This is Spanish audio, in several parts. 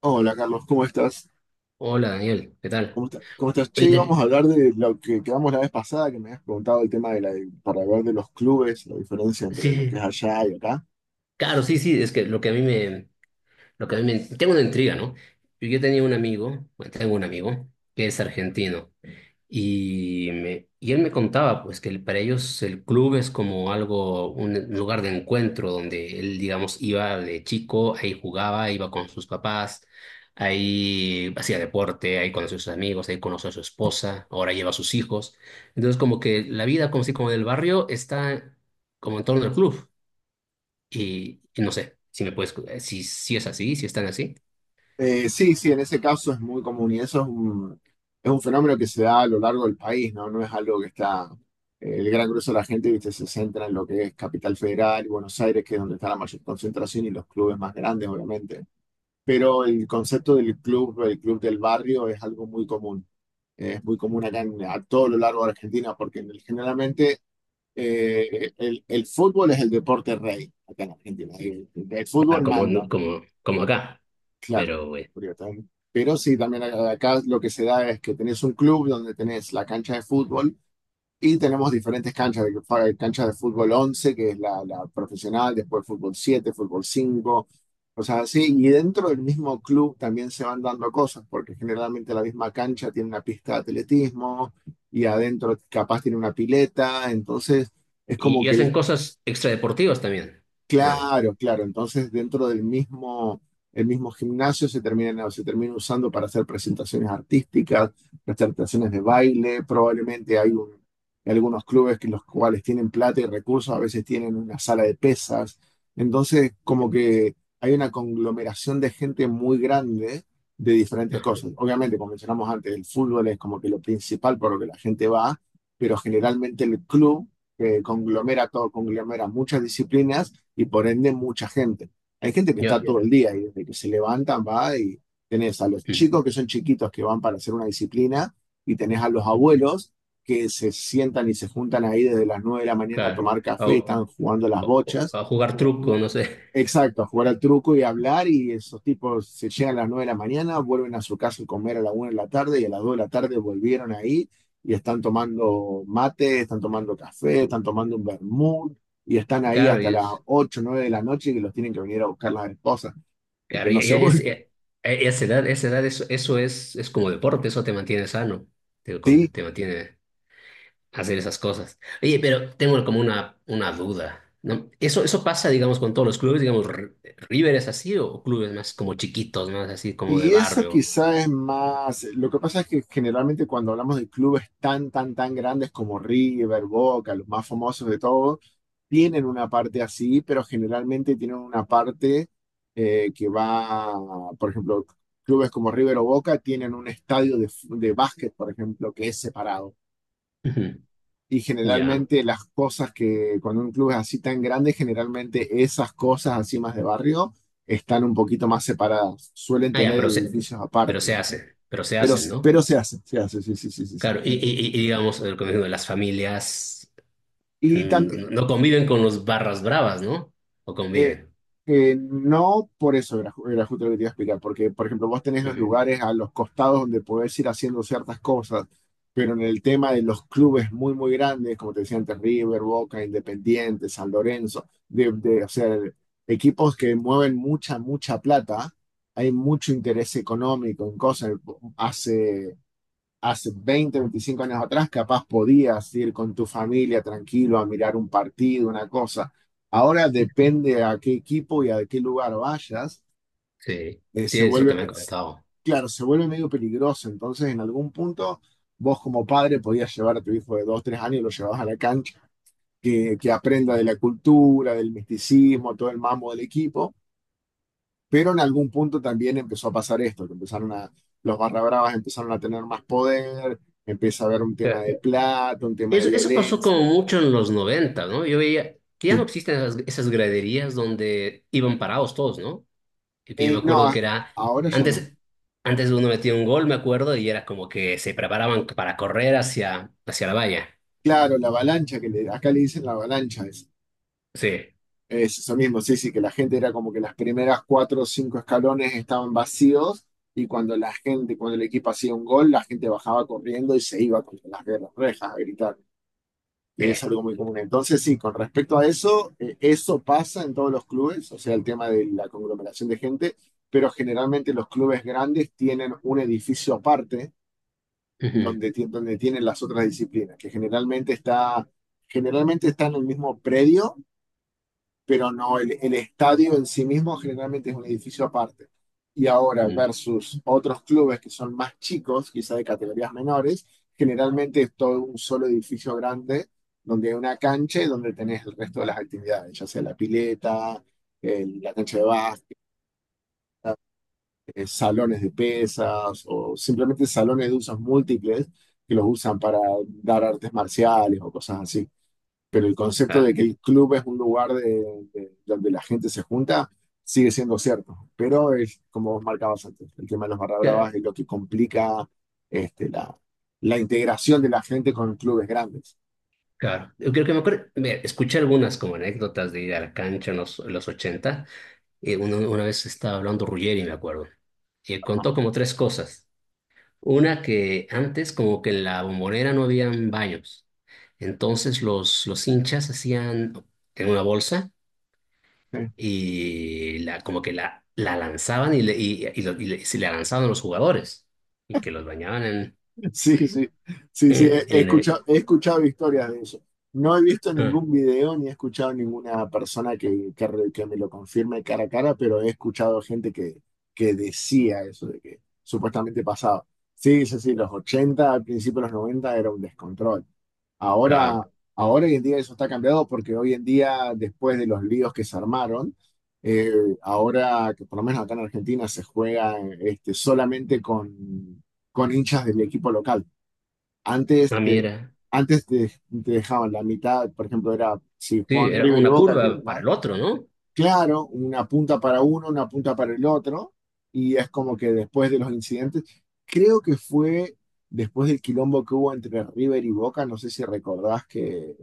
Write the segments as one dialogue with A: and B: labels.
A: Hola Carlos, ¿cómo estás?
B: Hola Daniel, ¿qué tal?
A: ¿Cómo estás?
B: Oye,
A: Che, íbamos
B: te-
A: a hablar de lo que quedamos la vez pasada, que me habías preguntado el tema de la, para hablar de los clubes, la diferencia entre
B: sí,
A: lo que es
B: sí,
A: allá y acá.
B: claro, sí, sí, es que lo que a mí me, tengo una intriga, ¿no? Yo tenía un amigo, bueno, tengo un amigo que es argentino. Y él me contaba, pues, para ellos el club es como algo, un lugar de encuentro donde él, digamos, iba de chico, ahí jugaba, iba con sus papás, ahí hacía deporte, ahí conoció a sus amigos, ahí conoció a su esposa, ahora lleva a sus hijos. Entonces, como que la vida, como si como del barrio, está como en torno al club. Y no sé si me puedes, si, si es así, si están así.
A: Sí, en ese caso es muy común y es un fenómeno que se da a lo largo del país, ¿no? No es algo que está, el gran grueso de la gente, viste, se centra en lo que es Capital Federal y Buenos Aires, que es donde está la mayor concentración y los clubes más grandes, obviamente. Pero el concepto del club, el club del barrio, es algo muy común. Es muy común a todo lo largo de Argentina, porque generalmente el fútbol es el deporte rey acá en Argentina. El
B: Claro,
A: fútbol
B: como,
A: manda,
B: como, como acá.
A: claro.
B: Pero, bueno.
A: Pero sí, también acá lo que se da es que tenés un club donde tenés la cancha de fútbol y tenemos diferentes canchas, cancha de fútbol 11 que es la profesional, después fútbol 7 fútbol 5, cosas así. Y dentro del mismo club también se van dando cosas, porque generalmente la misma cancha tiene una pista de atletismo y adentro capaz tiene una pileta. Entonces es como
B: Y
A: que
B: hacen
A: el...
B: cosas extradeportivas también. Mm.
A: Claro, claro. Entonces, dentro del mismo, el mismo gimnasio se termina usando para hacer presentaciones artísticas, presentaciones de baile. Algunos clubes que los cuales tienen plata y recursos, a veces tienen una sala de pesas. Entonces, como que hay una conglomeración de gente muy grande de diferentes cosas. Obviamente, como mencionamos antes, el fútbol es como que lo principal por lo que la gente va, pero generalmente el club conglomera todo, conglomera muchas disciplinas y por ende mucha gente. Hay gente que está
B: Ya.
A: todo el día y desde que se levantan va, y tenés a los
B: Mm.
A: chicos que son chiquitos que van para hacer una disciplina y tenés a los abuelos que se sientan y se juntan ahí desde las 9 de la mañana a
B: Claro.
A: tomar café,
B: O-
A: están jugando las bochas.
B: a jugar truco, no sé.
A: Exacto, a jugar al truco y hablar, y esos tipos se llegan a las 9 de la mañana, vuelven a su casa a comer a la 1 de la tarde y a las 2 de la tarde volvieron ahí y están tomando mate, están tomando café, están tomando un vermut y están ahí
B: Claro,
A: hasta
B: y
A: las
B: es.
A: 8 9 de la noche y los tienen que venir a buscar las esposas porque no se vuelven.
B: A esa edad, eso, eso es como deporte, eso te mantiene sano.
A: Sí.
B: Te mantiene hacer esas cosas. Oye, pero tengo como una duda, ¿no? Eso pasa, digamos, con todos los clubes, digamos, ¿River es así o clubes más como chiquitos, más así como de
A: Y eso
B: barrio?
A: quizá es más, lo que pasa es que generalmente cuando hablamos de clubes tan grandes como River, Boca, los más famosos de todos, tienen una parte así, pero generalmente tienen una parte que va, por ejemplo, clubes como River o Boca tienen un estadio de básquet, por ejemplo, que es separado.
B: Ujú.
A: Y
B: Ya.
A: generalmente las cosas que cuando un club es así tan grande, generalmente esas cosas así más de barrio están un poquito más separadas, suelen
B: Ah, ya,
A: tener edificios aparte.
B: pero se
A: Pero,
B: hacen, ¿no?
A: pero se hace, sí, sí, sí, sí, sí.
B: Claro, y digamos, como digo, las familias
A: Y tam-
B: no conviven con los barras bravas, ¿no? O
A: Eh,
B: conviven.
A: no por eso era, era justo lo que te iba a explicar, porque, por ejemplo, vos tenés los
B: Ujú.
A: lugares a los costados donde podés ir haciendo ciertas cosas, pero en el tema de los clubes muy, muy grandes, como te decía antes, River, Boca, Independiente, San Lorenzo, o sea, equipos que mueven mucha, mucha plata, hay mucho interés económico en cosas. Hace Hace 20, 25 años atrás, capaz podías ir con tu familia tranquilo a mirar un partido, una cosa. Ahora depende a qué equipo y a qué lugar vayas,
B: Sí, sí,
A: se
B: es lo que
A: vuelve,
B: me
A: me-
B: han
A: s-
B: comentado.
A: claro, se vuelve medio peligroso. Entonces, en algún punto, vos como padre podías llevar a tu hijo de 2, 3 años y lo llevabas a la cancha, que aprenda de la cultura, del misticismo, todo el mambo del equipo. Pero en algún punto también empezó a pasar esto, los barra bravas empezaron a tener más poder, empieza a haber un tema
B: Claro.
A: de plata, un tema de
B: Eso pasó
A: violencia.
B: como mucho en los 90, ¿no? Yo veía que ya no
A: Sí.
B: existen esas, esas graderías donde iban parados todos, ¿no? Y que yo
A: Eh,
B: me
A: no,
B: acuerdo
A: a-
B: que era,
A: ahora ya no.
B: antes, antes uno metía un gol, me acuerdo, y era como que se preparaban para correr hacia, hacia la valla.
A: Claro, la avalancha, acá le dicen la avalancha,
B: Sí,
A: es eso mismo, sí, sí, que la gente era como que las primeras 4 o 5 escalones estaban vacíos y cuando la gente, cuando el equipo hacía un gol, la gente bajaba corriendo y se iba contra las guerras rejas a gritar,
B: sí.
A: que es algo muy común. Entonces, sí, con respecto a eso, eso pasa en todos los clubes, o sea, el tema de la conglomeración de gente, pero generalmente los clubes grandes tienen un edificio aparte
B: Ujú.
A: donde, donde tienen las otras disciplinas, generalmente está en el mismo predio, pero no, el estadio en sí mismo generalmente es un edificio aparte. Y ahora
B: Mm.
A: versus otros clubes que son más chicos, quizá de categorías menores, generalmente es todo un solo edificio grande donde hay una cancha y donde tenés el resto de las actividades, ya sea la pileta, la cancha de básquet, salones de pesas o simplemente salones de usos múltiples que los usan para dar artes marciales o cosas así, pero el concepto
B: Ah.
A: de que el club es un lugar donde la gente se junta sigue siendo cierto. Pero es como vos marcabas antes, el tema de los barra bravas
B: Cla-.
A: es lo que complica este, la, la integración de la gente con clubes grandes.
B: Claro, yo creo que me acuerdo, mira, escuché algunas como anécdotas de ir a la cancha en los ochenta. Una vez estaba hablando Ruggeri, me acuerdo, y él
A: Ajá.
B: contó como tres cosas. Una, que antes como que en la bombonera no habían baños, entonces los hinchas hacían en una bolsa y la, como que la lanzaban y, le, y lo- y le- se la lanzaban a los jugadores y que los bañaban en…
A: Sí, sí, sí, sí,
B: en,
A: he escuchado historias de eso. No he visto
B: ah,
A: ningún video ni he escuchado ninguna persona que, que me lo confirme cara a cara, pero he escuchado gente que decía eso, de que supuestamente pasaba. Sí, sí, sí, los 80 al principio de los 90 era un descontrol.
B: claro,
A: Ahora, ahora hoy en día eso está cambiado porque hoy en día, después de los líos que se armaron, eh, ahora que por lo menos acá en Argentina se juega este, solamente con hinchas de mi equipo local. Antes
B: ah,
A: te,
B: mira,
A: antes te, te dejaban la mitad, por ejemplo, era si
B: sí,
A: Juan
B: era
A: River y
B: una
A: Boca, que
B: curva para
A: más
B: el otro, ¿no?
A: claro, una punta para uno, una punta para el otro, y es como que después de los incidentes, creo que fue después del quilombo que hubo entre River y Boca, no sé si recordás que,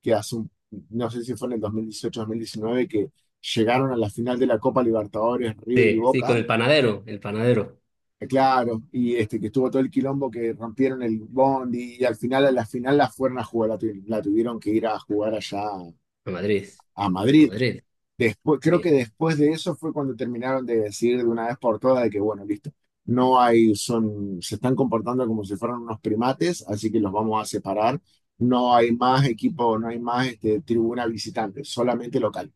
A: que hace un, no sé si fue en el dos dos mil dieciocho mil diecinueve que llegaron a la final de la Copa Libertadores River y
B: Sí, sí, con
A: Boca.
B: el panadero,
A: Claro, y este que estuvo todo el quilombo que rompieron el bondi y al final a la final la fueron a jugar, la tuvieron que ir a jugar allá
B: a Madrid,
A: a
B: a
A: Madrid.
B: Madrid,
A: Después, creo
B: sí.
A: que después de eso fue cuando terminaron de decir de una vez por todas de que bueno, listo, no hay, son, se están comportando como si fueran unos primates, así que los vamos a separar. No hay más equipo, no hay más este, tribuna visitante, solamente local.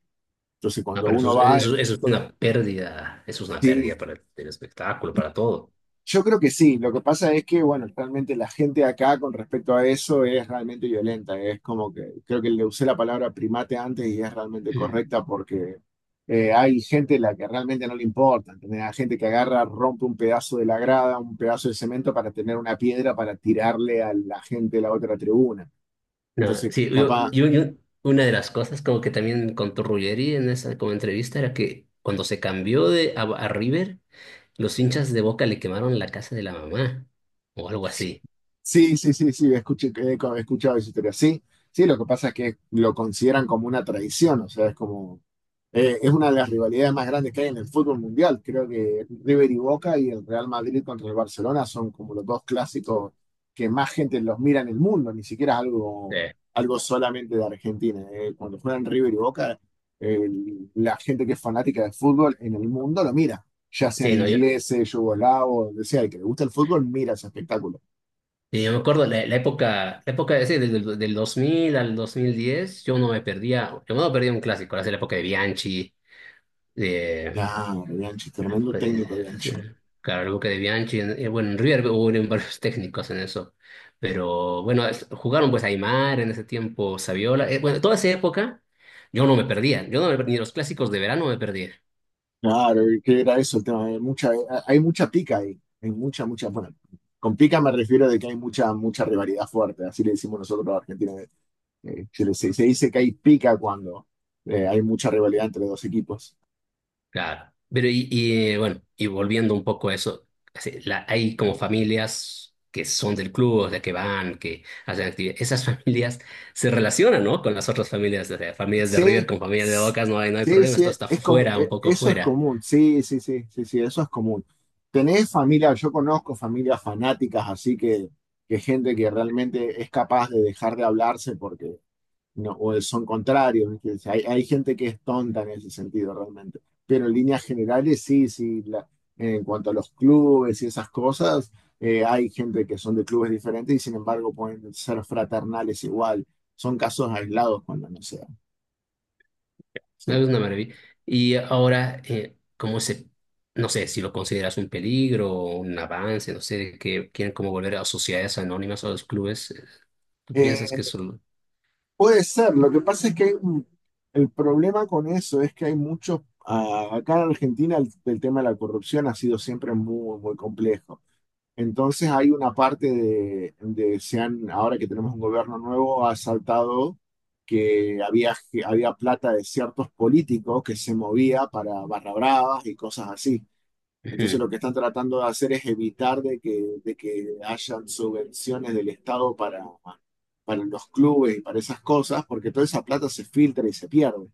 A: Entonces
B: No,
A: cuando
B: pero eso,
A: uno va,
B: eso, eso es una pérdida, eso es una
A: sí.
B: pérdida para el espectáculo, para todo.
A: Yo creo que sí, lo que pasa es que, bueno, realmente la gente acá con respecto a eso es realmente violenta, es como que creo que le usé la palabra primate antes y es realmente
B: Mm.
A: correcta porque hay gente a la que realmente no le importa, ¿entendés? Hay gente que agarra, rompe un pedazo de la grada, un pedazo de cemento para tener una piedra para tirarle a la gente de la otra tribuna.
B: No,
A: Entonces,
B: sí,
A: capaz, ujú,
B: una de las cosas como que también contó Ruggeri en esa como entrevista era que cuando se cambió a River, los hinchas de Boca le quemaron la casa de la mamá o algo así.
A: sí, sí, sí, sí, he escuchado esa historia, sí, sí, lo que pasa es que lo consideran como una traición, o sea, es como... es una de las rivalidades más grandes que hay en el fútbol mundial. Creo que River y Boca y el Real Madrid contra el Barcelona son como los dos
B: Sí.
A: clásicos que más gente los mira en el mundo, ni siquiera es algo, algo solamente de Argentina. Eh, cuando juegan River y Boca, la gente que es fanática del fútbol en el mundo lo mira, ya sean
B: Sí, no, yo.
A: ingleses, yugoslavos, donde sea, el que le gusta el fútbol mira ese espectáculo.
B: Y yo me acuerdo la, la época ese, del 2000 al 2010, yo no me perdía, yo no perdía un clásico, era la época de Bianchi, de,
A: Claro, Bianchi,
B: la
A: tremendo
B: época de,
A: técnico,
B: sí,
A: Bianchi.
B: claro, la época de Bianchi, bueno, en River hubo varios técnicos en eso, pero bueno, jugaron pues Aymar en ese tiempo, Saviola, bueno, toda esa época yo no me perdía, yo no me perdía, ni los clásicos de verano me perdía.
A: Claro, y que era eso el tema. Hay mucha pica ahí. Hay mucha, mucha. Bueno, con pica me refiero de que hay mucha, mucha rivalidad fuerte. Así le decimos nosotros a Argentina. Se dice que hay pica cuando hay mucha rivalidad entre dos equipos.
B: Claro. Pero y volviendo un poco a eso, así, hay como familias que son del club, o sea, que van, que hacen actividades. Esas familias se relacionan, ¿no? Con las otras familias, o sea, familias de River
A: Sí,
B: con familias de Bocas, no hay, no hay
A: sí,
B: problema,
A: sí.
B: esto está fuera, un poco
A: Eso es
B: fuera.
A: común. Sí, sí, sí, sí, sí, eso es común. Tenés familia, yo conozco familias fanáticas, así que gente que realmente es capaz de dejar de hablarse porque no, o son contrarios, ¿viste? Hay gente que es tonta en ese sentido realmente. Pero en líneas generales, sí, sí, en cuanto a los clubes y esas cosas, hay gente que son de clubes diferentes y sin embargo pueden ser fraternales igual. Son casos aislados cuando no sea,
B: Es
A: ¿sí?
B: una maravilla. Y ahora, ¿cómo se, no sé, si lo consideras un peligro o un avance, no sé, que quieren como volver a sociedades anónimas o a los clubes? ¿Tú
A: Eh,
B: piensas que eso…
A: puede ser. Lo que pasa es que el problema con eso es que hay muchos. Ah, acá en Argentina el tema de la corrupción ha sido siempre muy, muy complejo. Entonces hay una parte ahora que tenemos un gobierno nuevo, ha saltado que había plata de ciertos políticos que se movía para barra bravas y cosas así. Entonces
B: Ujú.
A: lo que están tratando de hacer es evitar de que hayan subvenciones del Estado para los clubes y para esas cosas, porque toda esa plata se filtra y se pierde.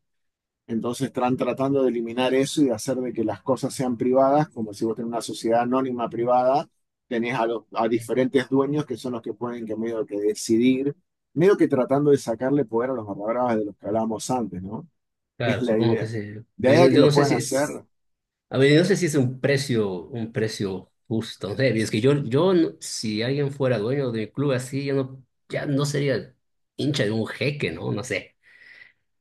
A: Entonces están tratando de eliminar eso y de hacer de que las cosas sean privadas, como si vos tenés una sociedad anónima privada, tenés a, a diferentes dueños que son los que pueden que medio que decidir, medio que tratando de sacarle poder a los barra bravas de los que hablábamos antes, ¿no? Es
B: Claro,
A: la
B: supongo que
A: idea.
B: sí.
A: De ahí
B: Pero
A: a
B: yo no,
A: que
B: yo
A: lo
B: no sé
A: puedan
B: si es,
A: hacer,
B: a ver, yo no sé si es un precio justo. No sé, es que yo no- si alguien fuera dueño de mi club así, yo no, ya no sería hincha de un jeque, ¿no? No sé.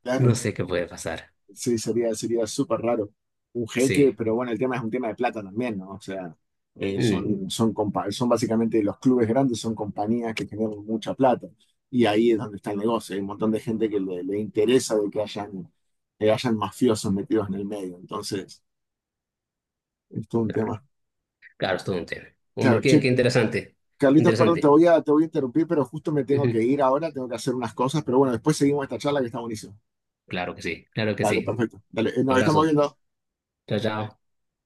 A: claro.
B: No sé qué puede pasar.
A: Sí, sería, sería súper raro. Un jeque,
B: Sí.
A: pero bueno, el tema es un tema de plata también, ¿no? O sea,
B: Mm,
A: son básicamente los clubes grandes, son compañías que generan mucha plata. Y ahí es donde está el negocio. Hay un montón de gente que le interesa de que hayan mafiosos metidos en el medio. Entonces, es todo un
B: claro,
A: tema.
B: claro, es todo un tema. Hombre,
A: Claro, che,
B: qué, qué interesante.
A: Carlitos, perdón,
B: Interesante.
A: te voy a interrumpir, pero justo me tengo
B: Ujú.
A: que ir ahora, tengo que hacer unas cosas. Pero bueno, después seguimos esta charla que está buenísima.
B: Claro que sí, claro que
A: Dale,
B: sí.
A: perfecto. Dale, nos estamos
B: Abrazo.
A: viendo.
B: Chao, chao.